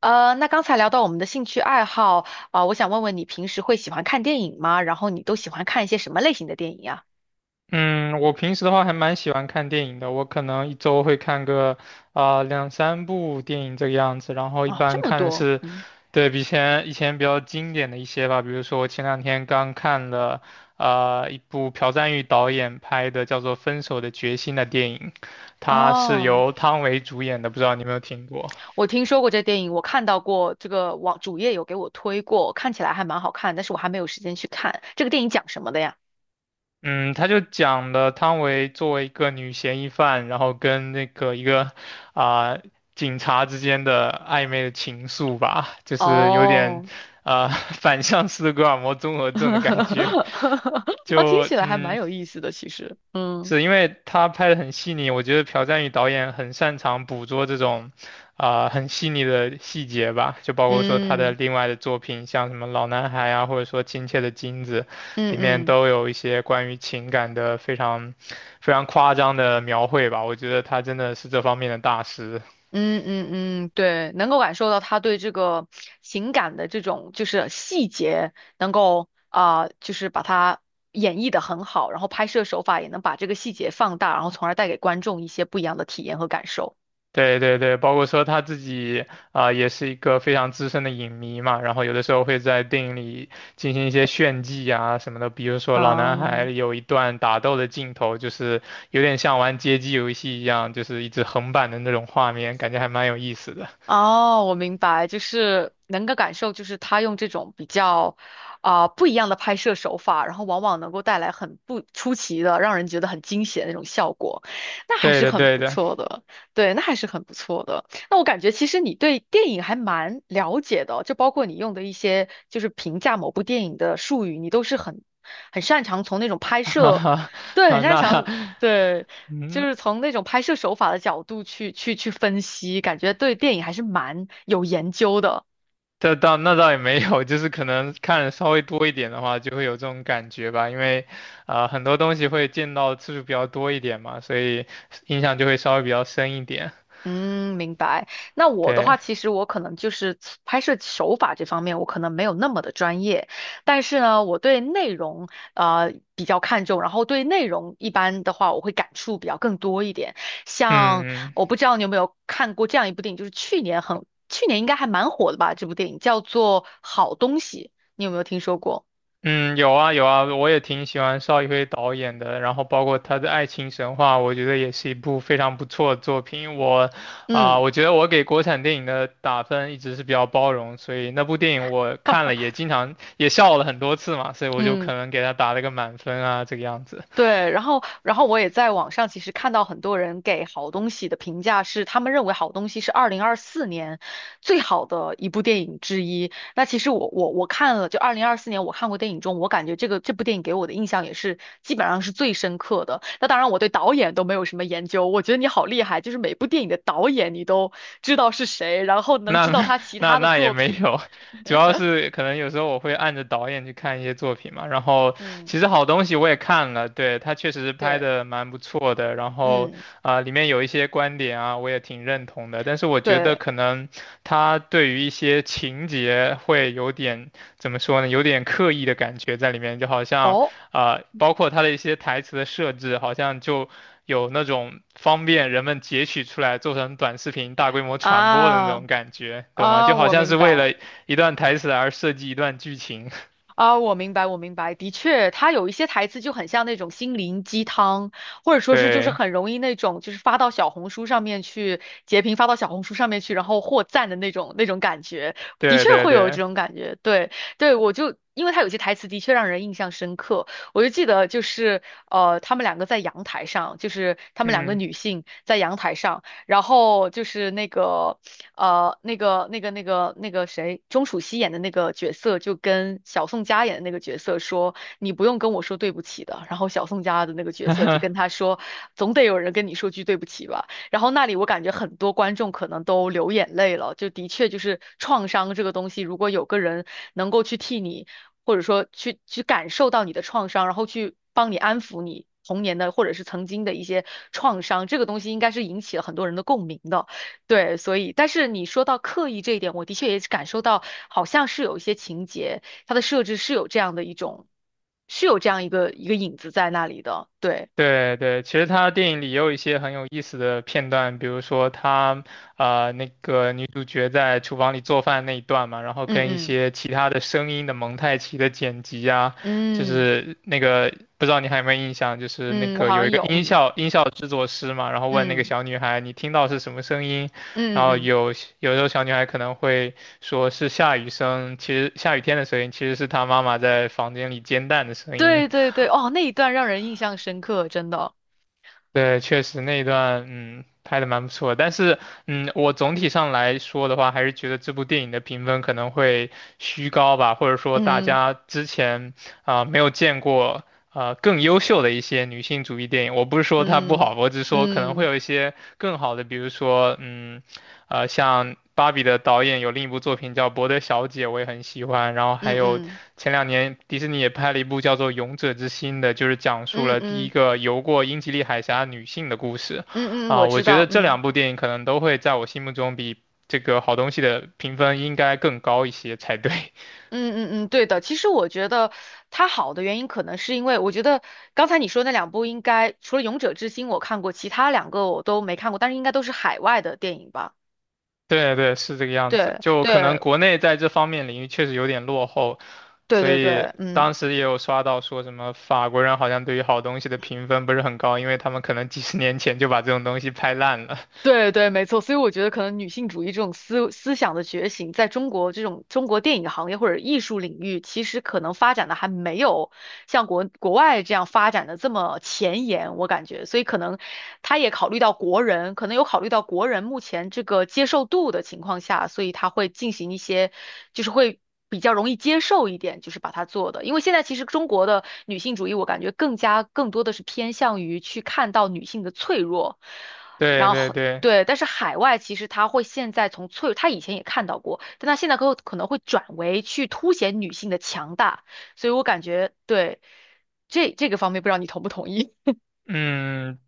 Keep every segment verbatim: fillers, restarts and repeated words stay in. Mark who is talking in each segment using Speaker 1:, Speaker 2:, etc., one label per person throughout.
Speaker 1: 呃，那刚才聊到我们的兴趣爱好，啊、我想问问你平时会喜欢看电影吗？然后你都喜欢看一些什么类型的电影啊？
Speaker 2: 嗯，我平时的话还蛮喜欢看电影的，我可能一周会看个啊、两三部电影这个样子，然后一
Speaker 1: 哦，
Speaker 2: 般
Speaker 1: 这么
Speaker 2: 看的
Speaker 1: 多，
Speaker 2: 是，
Speaker 1: 嗯，
Speaker 2: 对，比以前以前比较经典的一些吧，比如说我前两天刚看了啊、一部朴赞郁导演拍的叫做《分手的决心》的电影，它是
Speaker 1: 哦，
Speaker 2: 由汤唯主演的，不知道你有没有听过？
Speaker 1: 我听说过这电影，我看到过这个网主页有给我推过，看起来还蛮好看，但是我还没有时间去看。这个电影讲什么的呀？
Speaker 2: 嗯，他就讲了汤唯作为一个女嫌疑犯，然后跟那个一个啊、警察之间的暧昧的情愫吧，就是有点
Speaker 1: 哦，
Speaker 2: 啊、反向斯德哥尔摩综合症的感觉。
Speaker 1: 啊，听
Speaker 2: 就
Speaker 1: 起来还蛮
Speaker 2: 嗯，
Speaker 1: 有意思的，其实，嗯
Speaker 2: 是因为他拍的很细腻，我觉得朴赞宇导演很擅长捕捉这种，啊、很细腻的细节吧，就包括说他的
Speaker 1: 嗯
Speaker 2: 另外的作品，像什么《老男孩》啊，或者说《亲切的金子》，
Speaker 1: 嗯
Speaker 2: 里面
Speaker 1: 嗯。
Speaker 2: 都有一些关于情感的非常非常夸张的描绘吧，我觉得他真的是这方面的大师。
Speaker 1: 嗯嗯嗯，对，能够感受到他对这个情感的这种就是细节，能够啊、就是把它演绎的很好，然后拍摄手法也能把这个细节放大，然后从而带给观众一些不一样的体验和感受。
Speaker 2: 对对对，包括说他自己啊、也是一个非常资深的影迷嘛，然后有的时候会在电影里进行一些炫技啊什么的，比如说《老男
Speaker 1: 啊、
Speaker 2: 孩》有一段打斗的镜头，就是有点像玩街机游戏一样，就是一直横版的那种画面，感觉还蛮有意思的。
Speaker 1: 哦，我明白，就是能够感受，就是他用这种比较啊、不一样的拍摄手法，然后往往能够带来很不出奇的，让人觉得很惊喜的那种效果，那还
Speaker 2: 对
Speaker 1: 是
Speaker 2: 的
Speaker 1: 很
Speaker 2: 对
Speaker 1: 不
Speaker 2: 的，
Speaker 1: 错的。对，那还是很不错的。那我感觉其实你对电影还蛮了解的哦，就包括你用的一些就是评价某部电影的术语，你都是很很擅长从那种拍
Speaker 2: 哈
Speaker 1: 摄，
Speaker 2: 哈，
Speaker 1: 对，很
Speaker 2: 好，
Speaker 1: 擅
Speaker 2: 那
Speaker 1: 长对，就
Speaker 2: 嗯，
Speaker 1: 是从那种拍摄手法的角度去去去分析，感觉对电影还是蛮有研究的。
Speaker 2: 这倒那倒也没有，就是可能看得稍微多一点的话，就会有这种感觉吧。因为，啊、很多东西会见到次数比较多一点嘛，所以印象就会稍微比较深一点。
Speaker 1: 嗯，明白。那我的话，
Speaker 2: 对，
Speaker 1: 其实我可能就是拍摄手法这方面，我可能没有那么的专业，但是呢，我对内容呃比较看重，然后对内容一般的话，我会感触比较更多一点。像
Speaker 2: 嗯嗯
Speaker 1: 我不知道你有没有看过这样一部电影，就是去年很，去年应该还蛮火的吧，这部电影叫做《好东西》，你有没有听说过？
Speaker 2: 嗯，有啊有啊，我也挺喜欢邵艺辉导演的，然后包括他的《爱情神话》，我觉得也是一部非常不错的作品。我啊、
Speaker 1: 嗯。
Speaker 2: 我觉得我给国产电影的打分一直是比较包容，所以那部电影我看了也经常也笑了很多次嘛，所以我就
Speaker 1: 嗯，
Speaker 2: 可能给他打了个满分啊，这个样子。
Speaker 1: 对，然后，然后我也在网上其实看到很多人给好东西的评价是，他们认为好东西是二零二四年最好的一部电影之一。那其实我我我看了，就二零二四年我看过电影中，我感觉这个这部电影给我的印象也是基本上是最深刻的。那当然，我对导演都没有什么研究，我觉得你好厉害，就是每部电影的导演你都知道是谁，然后能知道
Speaker 2: 那
Speaker 1: 他 其
Speaker 2: 那
Speaker 1: 他的
Speaker 2: 那也
Speaker 1: 作
Speaker 2: 没
Speaker 1: 品。
Speaker 2: 有，主要是可能有时候我会按着导演去看一些作品嘛，然后
Speaker 1: 嗯，
Speaker 2: 其实好东西我也看了，对，他确实是拍
Speaker 1: 对，
Speaker 2: 的蛮不错的，然后
Speaker 1: 嗯，
Speaker 2: 啊、里面有一些观点啊我也挺认同的，但是我觉得
Speaker 1: 对，
Speaker 2: 可能他对于一些情节会有点怎么说呢，有点刻意的感觉在里面，就好像
Speaker 1: 哦，
Speaker 2: 啊、包括他的一些台词的设置，好像就，有那种方便人们截取出来做成短视频大规模传播的那
Speaker 1: 啊
Speaker 2: 种感觉，懂吗？就
Speaker 1: 啊，
Speaker 2: 好
Speaker 1: 我
Speaker 2: 像
Speaker 1: 明
Speaker 2: 是为
Speaker 1: 白。
Speaker 2: 了一段台词而设计一段剧情。
Speaker 1: 啊，我明白，我明白，的确，他有一些台词就很像那种心灵鸡汤，或者说是就是
Speaker 2: 对，
Speaker 1: 很容易那种就是发到小红书上面去截屏，发到小红书上面去，然后获赞的那种那种感觉，的
Speaker 2: 对，
Speaker 1: 确
Speaker 2: 对，
Speaker 1: 会有这
Speaker 2: 对，
Speaker 1: 种感觉。对对，我就因为他有些台词的确让人印象深刻，我就记得就是呃，他们两个在阳台上，就是他们两个
Speaker 2: 嗯，
Speaker 1: 女性在阳台上，然后就是那个。呃，那个、那个、那个、那个谁，钟楚曦演的那个角色就跟小宋佳演的那个角色说：“你不用跟我说对不起的。”然后小宋佳的那个角色就跟 他说：“总得有人跟你说句对不起吧。”然后那里我感觉很多观众可能都流眼泪了，就的确就是创伤这个东西，如果有个人能够去替你，或者说去去感受到你的创伤，然后去帮你安抚你童年的或者是曾经的一些创伤，这个东西应该是引起了很多人的共鸣的。对，所以，但是你说到刻意这一点，我的确也是感受到，好像是有一些情节，它的设置是有这样的一种，是有这样一个一个影子在那里的。对，
Speaker 2: 对对，其实他电影里也有一些很有意思的片段，比如说他呃那个女主角在厨房里做饭那一段嘛，然后
Speaker 1: 嗯
Speaker 2: 跟一
Speaker 1: 嗯
Speaker 2: 些其他的声音的蒙太奇的剪辑啊，就
Speaker 1: 嗯
Speaker 2: 是那个不知道你还有没有印象，就是那
Speaker 1: 嗯，我
Speaker 2: 个
Speaker 1: 好
Speaker 2: 有
Speaker 1: 像
Speaker 2: 一个
Speaker 1: 有，
Speaker 2: 音
Speaker 1: 嗯
Speaker 2: 效音效制作师嘛，然后问那个
Speaker 1: 嗯
Speaker 2: 小女孩你听到是什么声音，然
Speaker 1: 嗯
Speaker 2: 后
Speaker 1: 嗯嗯，
Speaker 2: 有有时候小女孩可能会说是下雨声，其实下雨天的声音其实是她妈妈在房间里煎蛋的声音。
Speaker 1: 对对对，哦，那一段让人印象深刻，真的。
Speaker 2: 对，确实那一段，嗯，拍的蛮不错的但是，嗯，我总体上来说的话，还是觉得这部电影的评分可能会虚高吧，或者说大
Speaker 1: 嗯
Speaker 2: 家之前啊、没有见过啊更优秀的一些女性主义电影。我不是说它不
Speaker 1: 嗯
Speaker 2: 好，我只是说可能会
Speaker 1: 嗯
Speaker 2: 有一些更好的，比如说，嗯，呃，像芭比的导演有另一部作品叫《伯德小姐》，我也很喜欢，然后还
Speaker 1: 嗯
Speaker 2: 有
Speaker 1: 嗯
Speaker 2: 前两年迪士尼也拍了一部叫做《勇者之心》的，就是讲述
Speaker 1: 嗯嗯
Speaker 2: 了第一
Speaker 1: 嗯
Speaker 2: 个游过英吉利海峡女性的故事。
Speaker 1: 嗯，嗯我
Speaker 2: 啊，我
Speaker 1: 知
Speaker 2: 觉
Speaker 1: 道，
Speaker 2: 得这
Speaker 1: 嗯。
Speaker 2: 两部电影可能都会在我心目中比这个好东西的评分应该更高一些才对。
Speaker 1: 嗯嗯嗯，对的。其实我觉得它好的原因，可能是因为我觉得刚才你说那两部，应该除了《勇者之心》我看过，其他两个我都没看过，但是应该都是海外的电影吧？
Speaker 2: 对对，是这个样子。
Speaker 1: 对
Speaker 2: 就可能
Speaker 1: 对
Speaker 2: 国内在这方面领域确实有点落后，
Speaker 1: 对
Speaker 2: 所
Speaker 1: 对对，
Speaker 2: 以
Speaker 1: 嗯。
Speaker 2: 当时也有刷到说什么法国人好像对于好东西的评分不是很高，因为他们可能几十年前就把这种东西拍烂了。
Speaker 1: 对对，没错，所以我觉得可能女性主义这种思思想的觉醒，在中国这种中国电影行业或者艺术领域，其实可能发展的还没有像国国外这样发展的这么前沿，我感觉，所以可能他也考虑到国人，可能有考虑到国人目前这个接受度的情况下，所以他会进行一些，就是会。比较容易接受一点，就是把它做的，因为现在其实中国的女性主义，我感觉更加更多的是偏向于去看到女性的脆弱，
Speaker 2: 对
Speaker 1: 然
Speaker 2: 对
Speaker 1: 后
Speaker 2: 对。
Speaker 1: 对，但是海外其实它会现在从脆，它以前也看到过，但它现在可可能会转为去凸显女性的强大，所以我感觉对这这个方面，不知道你同不同意？
Speaker 2: 嗯，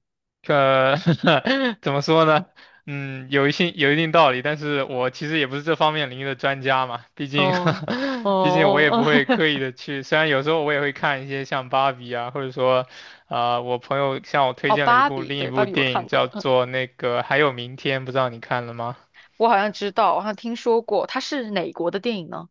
Speaker 2: 呃，怎么说呢？嗯，有一些有一定道理，但是我其实也不是这方面领域的专家嘛，毕 竟，
Speaker 1: 哦哦
Speaker 2: 毕竟我也
Speaker 1: 哦，
Speaker 2: 不会刻
Speaker 1: 哦
Speaker 2: 意的去，虽然有时候我也会看一些像芭比啊，或者说，啊、我朋友向我 推
Speaker 1: 哦，
Speaker 2: 荐了一
Speaker 1: 芭
Speaker 2: 部
Speaker 1: 比，
Speaker 2: 另一
Speaker 1: 对，芭
Speaker 2: 部
Speaker 1: 比我
Speaker 2: 电影
Speaker 1: 看过，
Speaker 2: 叫
Speaker 1: 嗯，
Speaker 2: 做那个《还有明天》，不知道你看了吗？
Speaker 1: 我好像知道，我好像听说过，它是哪国的电影呢？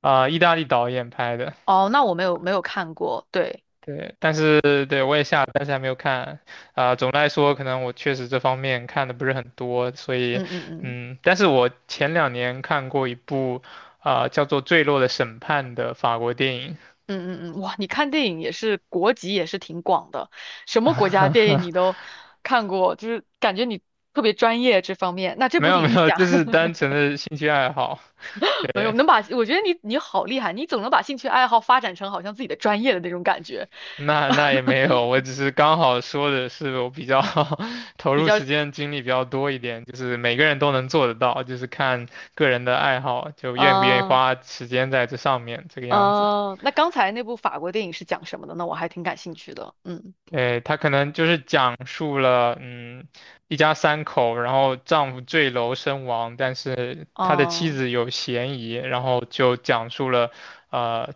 Speaker 2: 啊、意大利导演拍的。
Speaker 1: 哦，那我没有没有看过，对，
Speaker 2: 对，但是对我也下了，但是还没有看。啊、总的来说，可能我确实这方面看的不是很多，所以，
Speaker 1: 嗯嗯嗯。
Speaker 2: 嗯，但是我前两年看过一部，啊、叫做《坠落的审判》的法国电影，
Speaker 1: 嗯嗯嗯，哇，你看电影也是国籍也是挺广的，什么国家电影 你都看过，就是感觉你特别专业这方面。那这
Speaker 2: 没
Speaker 1: 部
Speaker 2: 有
Speaker 1: 电影
Speaker 2: 没
Speaker 1: 是
Speaker 2: 有，
Speaker 1: 讲
Speaker 2: 就是单纯 的兴趣爱好。
Speaker 1: 没有
Speaker 2: 对，
Speaker 1: 能把，我觉得你你好厉害，你总能把兴趣爱好发展成好像自己的专业的那种感觉，
Speaker 2: 那那也 没有，我只是刚好说的是我比较 投
Speaker 1: 比
Speaker 2: 入
Speaker 1: 较，
Speaker 2: 时间精力比较多一点，就是每个人都能做得到，就是看个人的爱好，就愿不愿意
Speaker 1: 嗯、
Speaker 2: 花时间在这上面，这个样子。
Speaker 1: 嗯、那刚才那部法国电影是讲什么的呢？我还挺感兴趣的，嗯，
Speaker 2: 对，他可能就是讲述了，嗯，一家三口，然后丈夫坠楼身亡，但是他的妻
Speaker 1: 哦、
Speaker 2: 子有嫌疑，然后就讲述了，呃，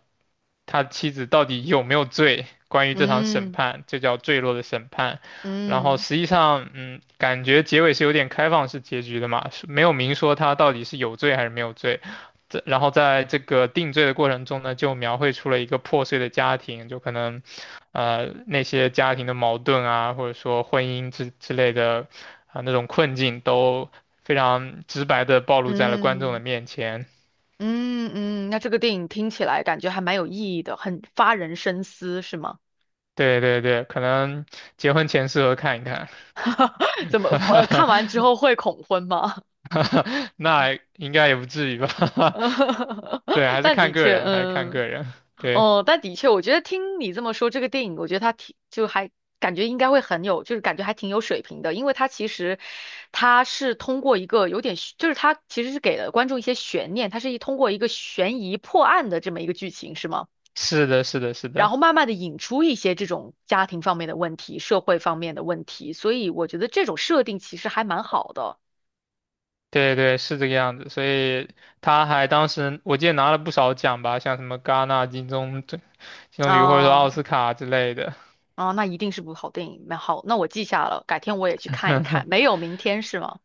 Speaker 2: 他妻子到底有没有罪，关于这场审
Speaker 1: 嗯
Speaker 2: 判，这叫坠落的审判。然后
Speaker 1: 嗯
Speaker 2: 实际上，嗯，感觉结尾是有点开放式结局的嘛，是没有明说他到底是有罪还是没有罪。这然后在这个定罪的过程中呢，就描绘出了一个破碎的家庭，就可能。呃那些家庭的矛盾啊，或者说婚姻之之类的啊、那种困境，都非常直白的暴露在了观众
Speaker 1: 嗯。
Speaker 2: 的面前。
Speaker 1: 嗯嗯，那这个电影听起来感觉还蛮有意义的，很发人深思，是吗？
Speaker 2: 对对对，可能结婚前适合看一看，
Speaker 1: 怎么，呃，看完之后会恐婚吗？
Speaker 2: 那应该也不至于吧？对，还是
Speaker 1: 但
Speaker 2: 看
Speaker 1: 的
Speaker 2: 个
Speaker 1: 确，
Speaker 2: 人，还是看
Speaker 1: 嗯，
Speaker 2: 个人。对，
Speaker 1: 哦，但的确，我觉得听你这么说，这个电影，我觉得它挺，就还感觉应该会很有，就是感觉还挺有水平的，因为它其实它是通过一个有点悬，就是它其实是给了观众一些悬念，它是一通过一个悬疑破案的这么一个剧情，是吗？
Speaker 2: 是的，是的，是
Speaker 1: 然
Speaker 2: 的，
Speaker 1: 后慢慢的引出一些这种家庭方面的问题、社会方面的问题，所以我觉得这种设定其实还蛮好的
Speaker 2: 对对，是这个样子。所以他还当时我记得拿了不少奖吧，像什么戛纳金棕榈或者说
Speaker 1: 啊
Speaker 2: 奥斯卡之类的。
Speaker 1: 啊，那一定是部好电影，蛮好，那我记下了，改天我也去看一看。没有明天是吗？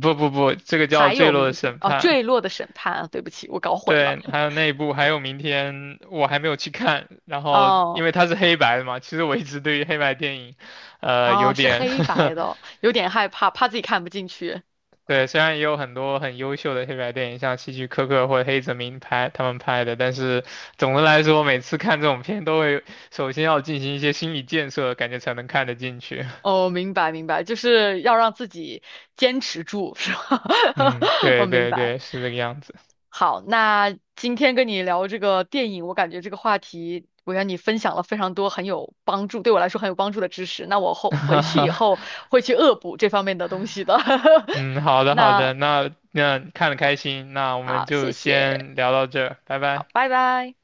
Speaker 2: 不不不，这个叫
Speaker 1: 还
Speaker 2: 《坠
Speaker 1: 有
Speaker 2: 落的
Speaker 1: 明天
Speaker 2: 审
Speaker 1: 哦，
Speaker 2: 判》。
Speaker 1: 坠落的审判啊，对不起，我搞混了
Speaker 2: 对，还有那一部，还有明天我还没有去看。然后
Speaker 1: 哦
Speaker 2: 因为它是黑白的嘛，其实我一直对于黑白电影，呃，
Speaker 1: 哦，
Speaker 2: 有
Speaker 1: 是
Speaker 2: 点
Speaker 1: 黑白的，有点害怕，怕自己看不进去。
Speaker 2: 对，虽然也有很多很优秀的黑白电影，像希区柯克或者黑泽明拍他们拍的，但是总的来说，每次看这种片都会首先要进行一些心理建设，感觉才能看得进去。
Speaker 1: 哦，明白明白，就是要让自己坚持住，是吧？
Speaker 2: 嗯，
Speaker 1: 我
Speaker 2: 对
Speaker 1: 明
Speaker 2: 对
Speaker 1: 白。
Speaker 2: 对，是这个样子。
Speaker 1: 好，那今天跟你聊这个电影，我感觉这个话题，我让你分享了非常多很有帮助，对我来说很有帮助的知识。那我后回去以 后会去恶补这方面的东西的。
Speaker 2: 嗯，好 的好
Speaker 1: 那
Speaker 2: 的，那那看的开心，那我
Speaker 1: 好，
Speaker 2: 们
Speaker 1: 谢
Speaker 2: 就
Speaker 1: 谢，
Speaker 2: 先聊到这儿，拜拜。
Speaker 1: 好，拜拜。